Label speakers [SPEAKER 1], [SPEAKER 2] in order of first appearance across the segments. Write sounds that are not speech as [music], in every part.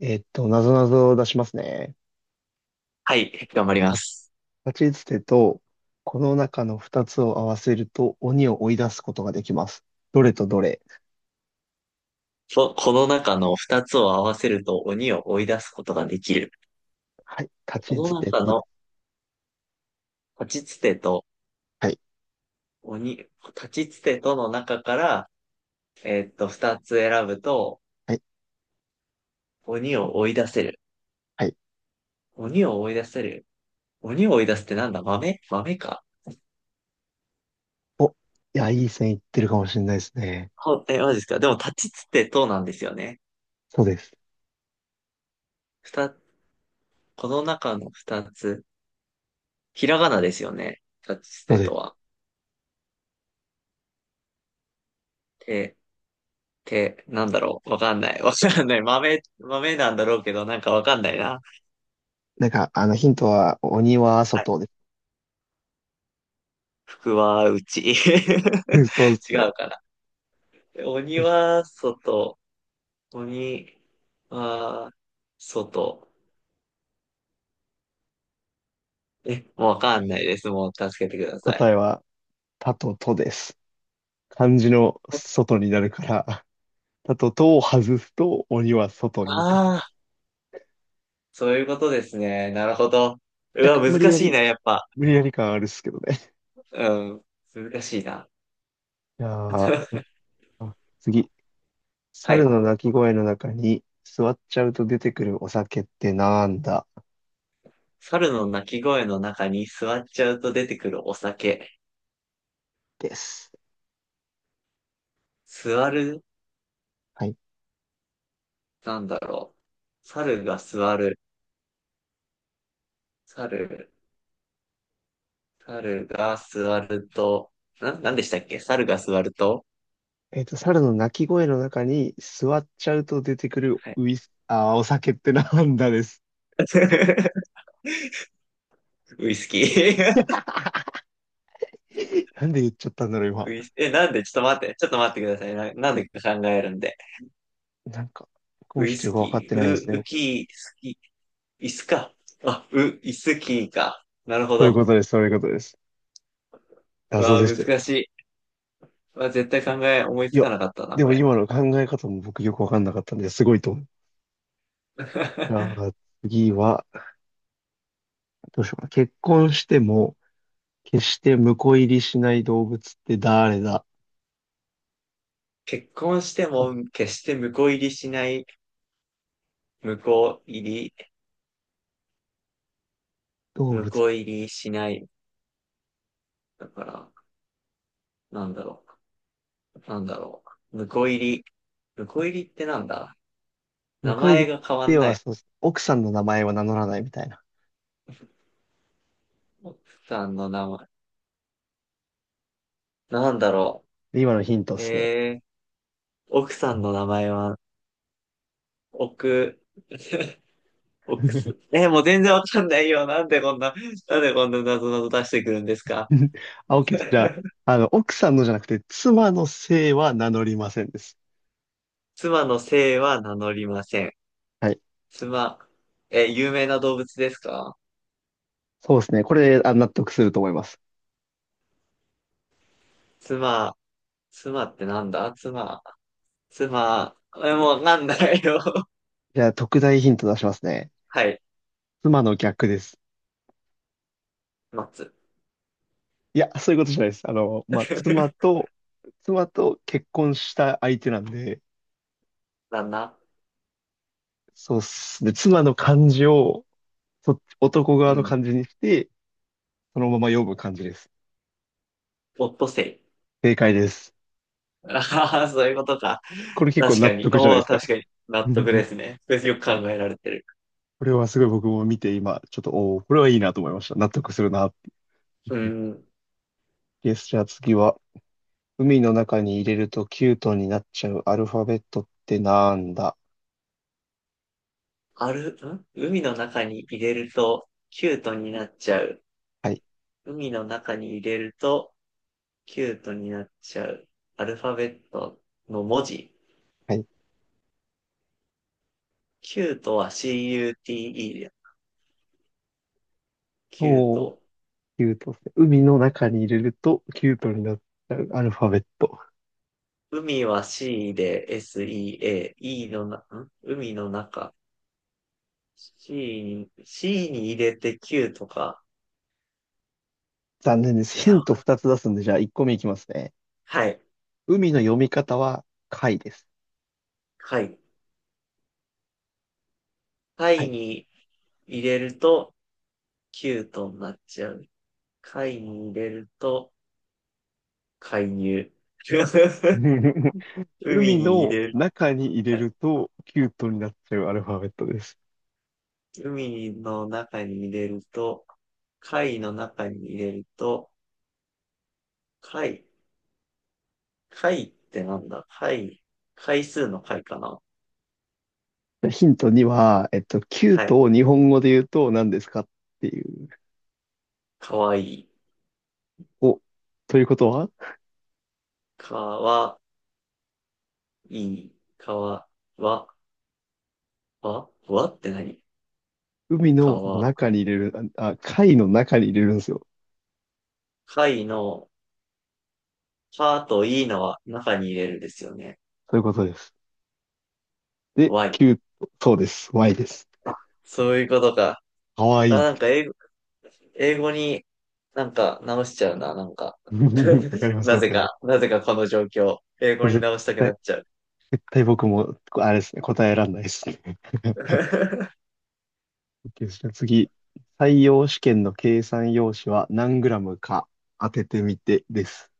[SPEAKER 1] なぞなぞを出しますね。
[SPEAKER 2] はい、頑張りま
[SPEAKER 1] た
[SPEAKER 2] す。
[SPEAKER 1] 立ちつてと、この中の二つを合わせると鬼を追い出すことができます。どれとどれ？
[SPEAKER 2] ここの中の二つを合わせると鬼を追い出すことができる。
[SPEAKER 1] はい。立
[SPEAKER 2] こ
[SPEAKER 1] ちつ
[SPEAKER 2] の
[SPEAKER 1] て
[SPEAKER 2] 中
[SPEAKER 1] とで、
[SPEAKER 2] の立ちつてと
[SPEAKER 1] はい。
[SPEAKER 2] 鬼、立ちつてとの中から、二つ選ぶと
[SPEAKER 1] はい。
[SPEAKER 2] 鬼を追い出せる。
[SPEAKER 1] はい。
[SPEAKER 2] 鬼を追い出せる。鬼を追い出すってなんだ？豆豆か？
[SPEAKER 1] お、いや、いい線いってるかもしれないですね。
[SPEAKER 2] ほえ、マジですか？でも立ちつてとなんですよね。
[SPEAKER 1] そうです。
[SPEAKER 2] 二、この中の二つ。ひらがなですよね。立ちつ
[SPEAKER 1] そう
[SPEAKER 2] て
[SPEAKER 1] で
[SPEAKER 2] と
[SPEAKER 1] す。
[SPEAKER 2] は。で、て、なんだろう。わかんない。わかんない。豆、豆なんだろうけど、なんかわかんないな。
[SPEAKER 1] なんか、あの、ヒントは、鬼は
[SPEAKER 2] はい。
[SPEAKER 1] 外で
[SPEAKER 2] 福は内。[laughs]
[SPEAKER 1] す。[laughs] そうです
[SPEAKER 2] 違
[SPEAKER 1] ね。
[SPEAKER 2] うかな。鬼
[SPEAKER 1] よし、
[SPEAKER 2] は外。鬼は外。え、もうわかんないです。もう助けてください。
[SPEAKER 1] 答えは、たととです。漢字の外になるから、[laughs] たととを外すと鬼は外に行く。
[SPEAKER 2] ああー、そういうことですね。なるほど。う
[SPEAKER 1] 若
[SPEAKER 2] わ、
[SPEAKER 1] 干無理
[SPEAKER 2] 難
[SPEAKER 1] や
[SPEAKER 2] しい
[SPEAKER 1] り、
[SPEAKER 2] な、やっぱ。
[SPEAKER 1] 無理やり感あるっすけどね。
[SPEAKER 2] うん。難しいな。
[SPEAKER 1] じゃあ、どうし
[SPEAKER 2] [laughs]
[SPEAKER 1] よう。次。
[SPEAKER 2] は
[SPEAKER 1] 猿
[SPEAKER 2] い。
[SPEAKER 1] の鳴き声の中に座っちゃうと出てくるお酒ってなんだ？
[SPEAKER 2] 猿の鳴き声の中に座っちゃうと出てくるお酒。
[SPEAKER 1] です。
[SPEAKER 2] 座る。
[SPEAKER 1] はい。
[SPEAKER 2] なんだろう。猿が座る。猿、猿が座ると、なんでしたっけ猿が座ると、
[SPEAKER 1] 猿の鳴き声の中に座っちゃうと出てくる
[SPEAKER 2] はい。
[SPEAKER 1] ウイス、お酒ってなんだ？です。
[SPEAKER 2] [laughs] ウイスキー。
[SPEAKER 1] [laughs] なんで言っちゃったんだろう、
[SPEAKER 2] [laughs]
[SPEAKER 1] 今。
[SPEAKER 2] ウイス、なんでちょっと待って、ちょっと待ってください。なんでか考えるんで。
[SPEAKER 1] なんか、僕
[SPEAKER 2] ウ
[SPEAKER 1] もちょっ
[SPEAKER 2] イ
[SPEAKER 1] とよ
[SPEAKER 2] ス
[SPEAKER 1] くわかっ
[SPEAKER 2] キ
[SPEAKER 1] て
[SPEAKER 2] ー、
[SPEAKER 1] ないで
[SPEAKER 2] ウ、
[SPEAKER 1] すね。
[SPEAKER 2] ウキー、スキー、イスか。あ、ウ、イスキーか。なるほ
[SPEAKER 1] そういう
[SPEAKER 2] ど。
[SPEAKER 1] ことです、そういうことです。
[SPEAKER 2] う
[SPEAKER 1] 謎
[SPEAKER 2] わ
[SPEAKER 1] で
[SPEAKER 2] ー、
[SPEAKER 1] すよ。
[SPEAKER 2] 難しい。うわ絶対考え、思い
[SPEAKER 1] い
[SPEAKER 2] つ
[SPEAKER 1] や、
[SPEAKER 2] かなかったな、
[SPEAKER 1] で
[SPEAKER 2] こ
[SPEAKER 1] も
[SPEAKER 2] れ。
[SPEAKER 1] 今の考え方も僕よくわかんなかったんで、すごいと思う。じゃ
[SPEAKER 2] [laughs]
[SPEAKER 1] あ、次は、どうしようかな。結婚しても、決して婿入りしない動物って誰だ？
[SPEAKER 2] 結婚しても、決して婿入りしない、婿入り
[SPEAKER 1] 動
[SPEAKER 2] 向
[SPEAKER 1] 物。
[SPEAKER 2] こう入りしない。だから、なんだろう。なんだろう。向こう入り。向こう入りってなんだ？
[SPEAKER 1] 婿
[SPEAKER 2] 名
[SPEAKER 1] 入り
[SPEAKER 2] 前
[SPEAKER 1] っ
[SPEAKER 2] が変わん
[SPEAKER 1] て
[SPEAKER 2] な
[SPEAKER 1] は、
[SPEAKER 2] い。
[SPEAKER 1] そう、奥さんの名前は名乗らないみたいな。
[SPEAKER 2] 奥さんの名前。なんだろ
[SPEAKER 1] で、今のヒントっ
[SPEAKER 2] う。
[SPEAKER 1] すね。
[SPEAKER 2] 奥さんの名前は、奥、[laughs] 奥す。
[SPEAKER 1] [laughs]
[SPEAKER 2] もう全然わかんないよ。なんでこんな、なんでこんな謎々出してくるんですか？
[SPEAKER 1] あ、OK です。じゃ
[SPEAKER 2] [laughs]
[SPEAKER 1] あ、あの、奥さんのじゃなくて、妻の姓は名乗りませんです。
[SPEAKER 2] 妻の姓は名乗りません。
[SPEAKER 1] はい。
[SPEAKER 2] 妻、有名な動物ですか？
[SPEAKER 1] そうですね。これ、あ、納得すると思います。
[SPEAKER 2] 妻、妻ってなんだ妻。妻、もうわかんないよ。[laughs]
[SPEAKER 1] じゃあ、特大ヒント出しますね。
[SPEAKER 2] はい。
[SPEAKER 1] 妻の逆です。
[SPEAKER 2] 松。
[SPEAKER 1] いや、そういうことじゃないです。あの、まあ、
[SPEAKER 2] [laughs]
[SPEAKER 1] 妻と結婚した相手なんで、
[SPEAKER 2] 旦那。
[SPEAKER 1] そうっすね。妻の漢字を、そっち、男側
[SPEAKER 2] う
[SPEAKER 1] の漢
[SPEAKER 2] ん。
[SPEAKER 1] 字にして、そのまま読む感じです。
[SPEAKER 2] オットセ
[SPEAKER 1] 正解です。
[SPEAKER 2] イ。ああ、そういうことか。
[SPEAKER 1] これ結構
[SPEAKER 2] 確
[SPEAKER 1] 納
[SPEAKER 2] かに。
[SPEAKER 1] 得じゃない
[SPEAKER 2] お
[SPEAKER 1] で
[SPEAKER 2] お、
[SPEAKER 1] すか。
[SPEAKER 2] 確かに。納得で
[SPEAKER 1] [laughs]
[SPEAKER 2] すね。それよく考えられてる。
[SPEAKER 1] これはすごい僕も見て今、ちょっと、おーこれはいいなと思いました。納得するな。
[SPEAKER 2] うん。
[SPEAKER 1] よし、じゃあ次は、海の中に入れるとキュートになっちゃうアルファベットってなんだ？
[SPEAKER 2] ある、ん海の中に入れると、キュートになっちゃう。
[SPEAKER 1] はい、
[SPEAKER 2] 海の中に入れると、キュートになっちゃう。アルファベットの文字。
[SPEAKER 1] はい。
[SPEAKER 2] キュートは CUTE だよ。キュー
[SPEAKER 1] おー、
[SPEAKER 2] ト。
[SPEAKER 1] キュートですね。海の中に入れるとキュートになっちゃうアルファベット。
[SPEAKER 2] 海は C で SEA、E の海の中。C に入れて Q とか。
[SPEAKER 1] 残念です。
[SPEAKER 2] い
[SPEAKER 1] ヒ
[SPEAKER 2] や、
[SPEAKER 1] ント2つ出すんで、じゃあ1個目いきますね。
[SPEAKER 2] はい。
[SPEAKER 1] 海の読み方は、貝です。
[SPEAKER 2] はい。
[SPEAKER 1] は
[SPEAKER 2] 貝
[SPEAKER 1] い。
[SPEAKER 2] に入れると Q となっちゃう。貝に入れると介入。[laughs]
[SPEAKER 1] [laughs]
[SPEAKER 2] 海
[SPEAKER 1] 海
[SPEAKER 2] に入
[SPEAKER 1] の
[SPEAKER 2] れる。
[SPEAKER 1] 中に入れ
[SPEAKER 2] はい。
[SPEAKER 1] ると、キュートになっちゃうアルファベットです。
[SPEAKER 2] 海の中に入れると、貝の中に入れると、貝、貝ってなんだ貝、回数の貝かな？
[SPEAKER 1] ヒント2は、キュー
[SPEAKER 2] は
[SPEAKER 1] ト
[SPEAKER 2] い。
[SPEAKER 1] を日本語で言うと何ですか？っていう。
[SPEAKER 2] かわいい。
[SPEAKER 1] お、ということは、
[SPEAKER 2] かわいい。かわ、わ、わ、わって何？
[SPEAKER 1] 海
[SPEAKER 2] か
[SPEAKER 1] の
[SPEAKER 2] わ、
[SPEAKER 1] 中に入れる、あ、あ貝の中に入れるんですよ。
[SPEAKER 2] かいの、かといいのは中に入れるですよね。
[SPEAKER 1] そういうことです。で、
[SPEAKER 2] わい。
[SPEAKER 1] キュート、そうです。Y です。
[SPEAKER 2] あ、そういうことか。
[SPEAKER 1] かわ
[SPEAKER 2] あ、
[SPEAKER 1] いい。
[SPEAKER 2] 英語になんか直しちゃうな、なんか。
[SPEAKER 1] [laughs] わかり
[SPEAKER 2] [laughs]
[SPEAKER 1] ます、
[SPEAKER 2] な
[SPEAKER 1] わ
[SPEAKER 2] ぜ
[SPEAKER 1] かりま
[SPEAKER 2] か、
[SPEAKER 1] す。
[SPEAKER 2] なぜかこの状況。英
[SPEAKER 1] こ
[SPEAKER 2] 語
[SPEAKER 1] れ
[SPEAKER 2] に直したくな
[SPEAKER 1] 対、
[SPEAKER 2] っちゃう。
[SPEAKER 1] 絶対僕も、あれですね、答えらんないですね。[laughs]
[SPEAKER 2] [laughs]
[SPEAKER 1] OK ですね。次。採用試験の計算用紙は何グラムか当ててみてです。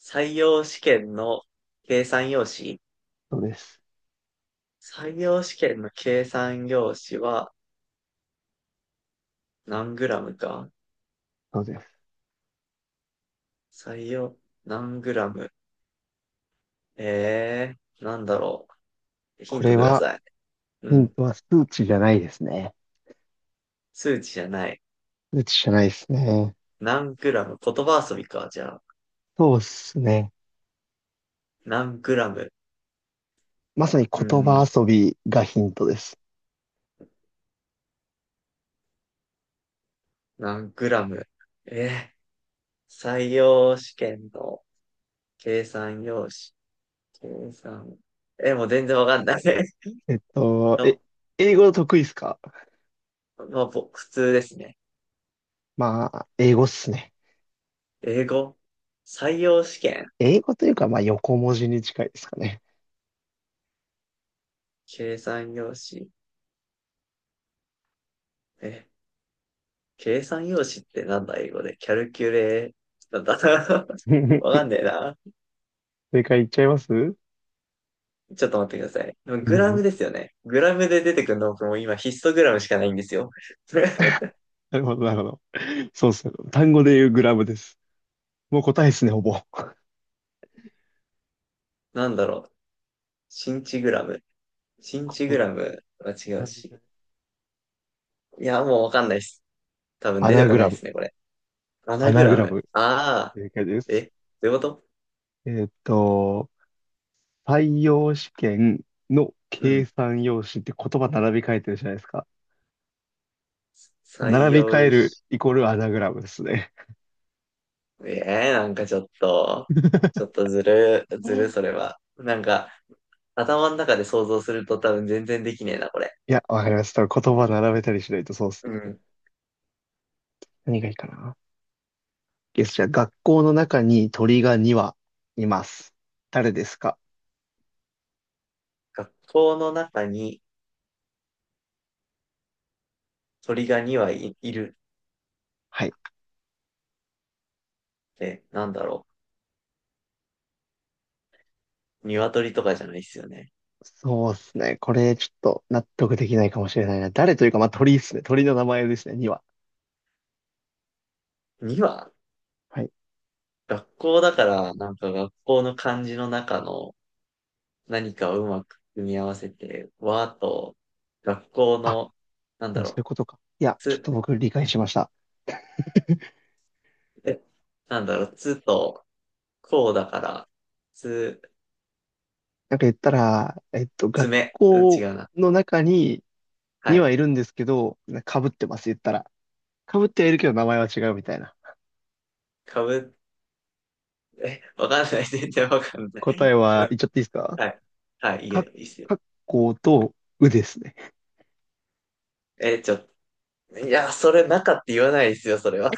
[SPEAKER 2] 採用試験の計算用紙
[SPEAKER 1] そうです。
[SPEAKER 2] 採用試験の計算用紙は何グラムか？
[SPEAKER 1] そうです。
[SPEAKER 2] 採用、何グラム。えなんだろう。ヒ
[SPEAKER 1] こ
[SPEAKER 2] ント
[SPEAKER 1] れ
[SPEAKER 2] くだ
[SPEAKER 1] は、
[SPEAKER 2] さい。う
[SPEAKER 1] ヒン
[SPEAKER 2] ん。
[SPEAKER 1] トは数値じゃないですね。
[SPEAKER 2] 数値じゃない。
[SPEAKER 1] 数値じゃないですね。
[SPEAKER 2] 何グラム。言葉遊びか、じゃあ。
[SPEAKER 1] そうですね。
[SPEAKER 2] 何グラム。
[SPEAKER 1] まさに
[SPEAKER 2] う
[SPEAKER 1] 言葉
[SPEAKER 2] ん、
[SPEAKER 1] 遊びがヒントです。
[SPEAKER 2] 何グラム。えー、採用試験の計算用紙。計算。もう全然わかんない。[laughs]
[SPEAKER 1] えっと、え、
[SPEAKER 2] の
[SPEAKER 1] 英語得意ですか？
[SPEAKER 2] まあ、普通ですね。
[SPEAKER 1] まあ、英語っすね。
[SPEAKER 2] 英語。採用試験。
[SPEAKER 1] 英語というか、まあ、横文字に近いですかね。
[SPEAKER 2] 計算用紙。え計算用紙ってなんだ英語で。キャルキュレー、なんだ？ [laughs] わ
[SPEAKER 1] [laughs]
[SPEAKER 2] かんねえな。
[SPEAKER 1] 正解いっちゃいます？
[SPEAKER 2] ちょっと待ってください。でも
[SPEAKER 1] う
[SPEAKER 2] グラムで
[SPEAKER 1] ん。
[SPEAKER 2] すよね。グラムで出てくるの僕も今ヒストグラムしかないんですよ。[laughs]
[SPEAKER 1] なるほど、なるほど。そうっすね。単語で言うグラムです。もう答えですね、ほぼ。
[SPEAKER 2] なんだろう。シンチグラム。シンチ
[SPEAKER 1] 言
[SPEAKER 2] グラ
[SPEAKER 1] 葉
[SPEAKER 2] ムは違う
[SPEAKER 1] 選び
[SPEAKER 2] し。
[SPEAKER 1] が
[SPEAKER 2] いや、もうわかんないっす。多分
[SPEAKER 1] ア
[SPEAKER 2] 出て
[SPEAKER 1] ナ
[SPEAKER 2] こ
[SPEAKER 1] グ
[SPEAKER 2] ない
[SPEAKER 1] ラ
[SPEAKER 2] っ
[SPEAKER 1] ム。
[SPEAKER 2] すね、これ。ア
[SPEAKER 1] ア
[SPEAKER 2] ナグ
[SPEAKER 1] ナグ
[SPEAKER 2] ラ
[SPEAKER 1] ラ
[SPEAKER 2] ム。
[SPEAKER 1] ム。
[SPEAKER 2] ああ。
[SPEAKER 1] 正解です。
[SPEAKER 2] え、どういうこと？
[SPEAKER 1] えっと、採用試験の
[SPEAKER 2] う
[SPEAKER 1] 計
[SPEAKER 2] ん。
[SPEAKER 1] 算用紙って言葉並び替えてるじゃないですか。
[SPEAKER 2] 採
[SPEAKER 1] 並び替え
[SPEAKER 2] 用
[SPEAKER 1] る
[SPEAKER 2] し、
[SPEAKER 1] イコールアナグラムですね。
[SPEAKER 2] ええなんかちょっと、ちょっ
[SPEAKER 1] [laughs]
[SPEAKER 2] とずる、ずる、それは。なんか、頭の中で想像すると多分全然できねえな、これ。
[SPEAKER 1] いや、わかりました。言葉並べたりしないとそうっす。
[SPEAKER 2] うん。
[SPEAKER 1] 何がいいかな。じゃあ、学校の中に鳥が2羽います。誰ですか？
[SPEAKER 2] 学校の中に鳥が2羽いる
[SPEAKER 1] はい。
[SPEAKER 2] って、なんだろう。鶏とかじゃないっすよね。
[SPEAKER 1] そうですね。これ、ちょっと納得できないかもしれないな。誰というか、まあ、鳥ですね。鳥の名前ですね、2羽。
[SPEAKER 2] 2羽
[SPEAKER 1] はい。
[SPEAKER 2] 学校だから、なんか学校の漢字の中の何かをうまく組み合わせて、和と、学校の、なん
[SPEAKER 1] で
[SPEAKER 2] だ
[SPEAKER 1] もそうい
[SPEAKER 2] ろ
[SPEAKER 1] うことか。いや、
[SPEAKER 2] う、
[SPEAKER 1] ちょっと
[SPEAKER 2] つ、
[SPEAKER 1] 僕理解しました。
[SPEAKER 2] え、なんだろう、つと、こうだから、つ、
[SPEAKER 1] なんか言ったら、学
[SPEAKER 2] 爪。うん、違
[SPEAKER 1] 校
[SPEAKER 2] うな。
[SPEAKER 1] の中に、
[SPEAKER 2] は
[SPEAKER 1] には
[SPEAKER 2] い。
[SPEAKER 1] いるんですけど、かぶってます、言ったら。かぶってはいるけど名前は違うみたいな。
[SPEAKER 2] かぶ、え、わかんない。[laughs] 全然わかんな
[SPEAKER 1] 答
[SPEAKER 2] い。
[SPEAKER 1] えは言っちゃっていいです
[SPEAKER 2] [laughs]
[SPEAKER 1] か？
[SPEAKER 2] はい。はい、いい
[SPEAKER 1] か、
[SPEAKER 2] よ、いいっすよ。
[SPEAKER 1] かっこうとうですね。
[SPEAKER 2] え、ちょ、いや、それ中って言わないですよ、それは。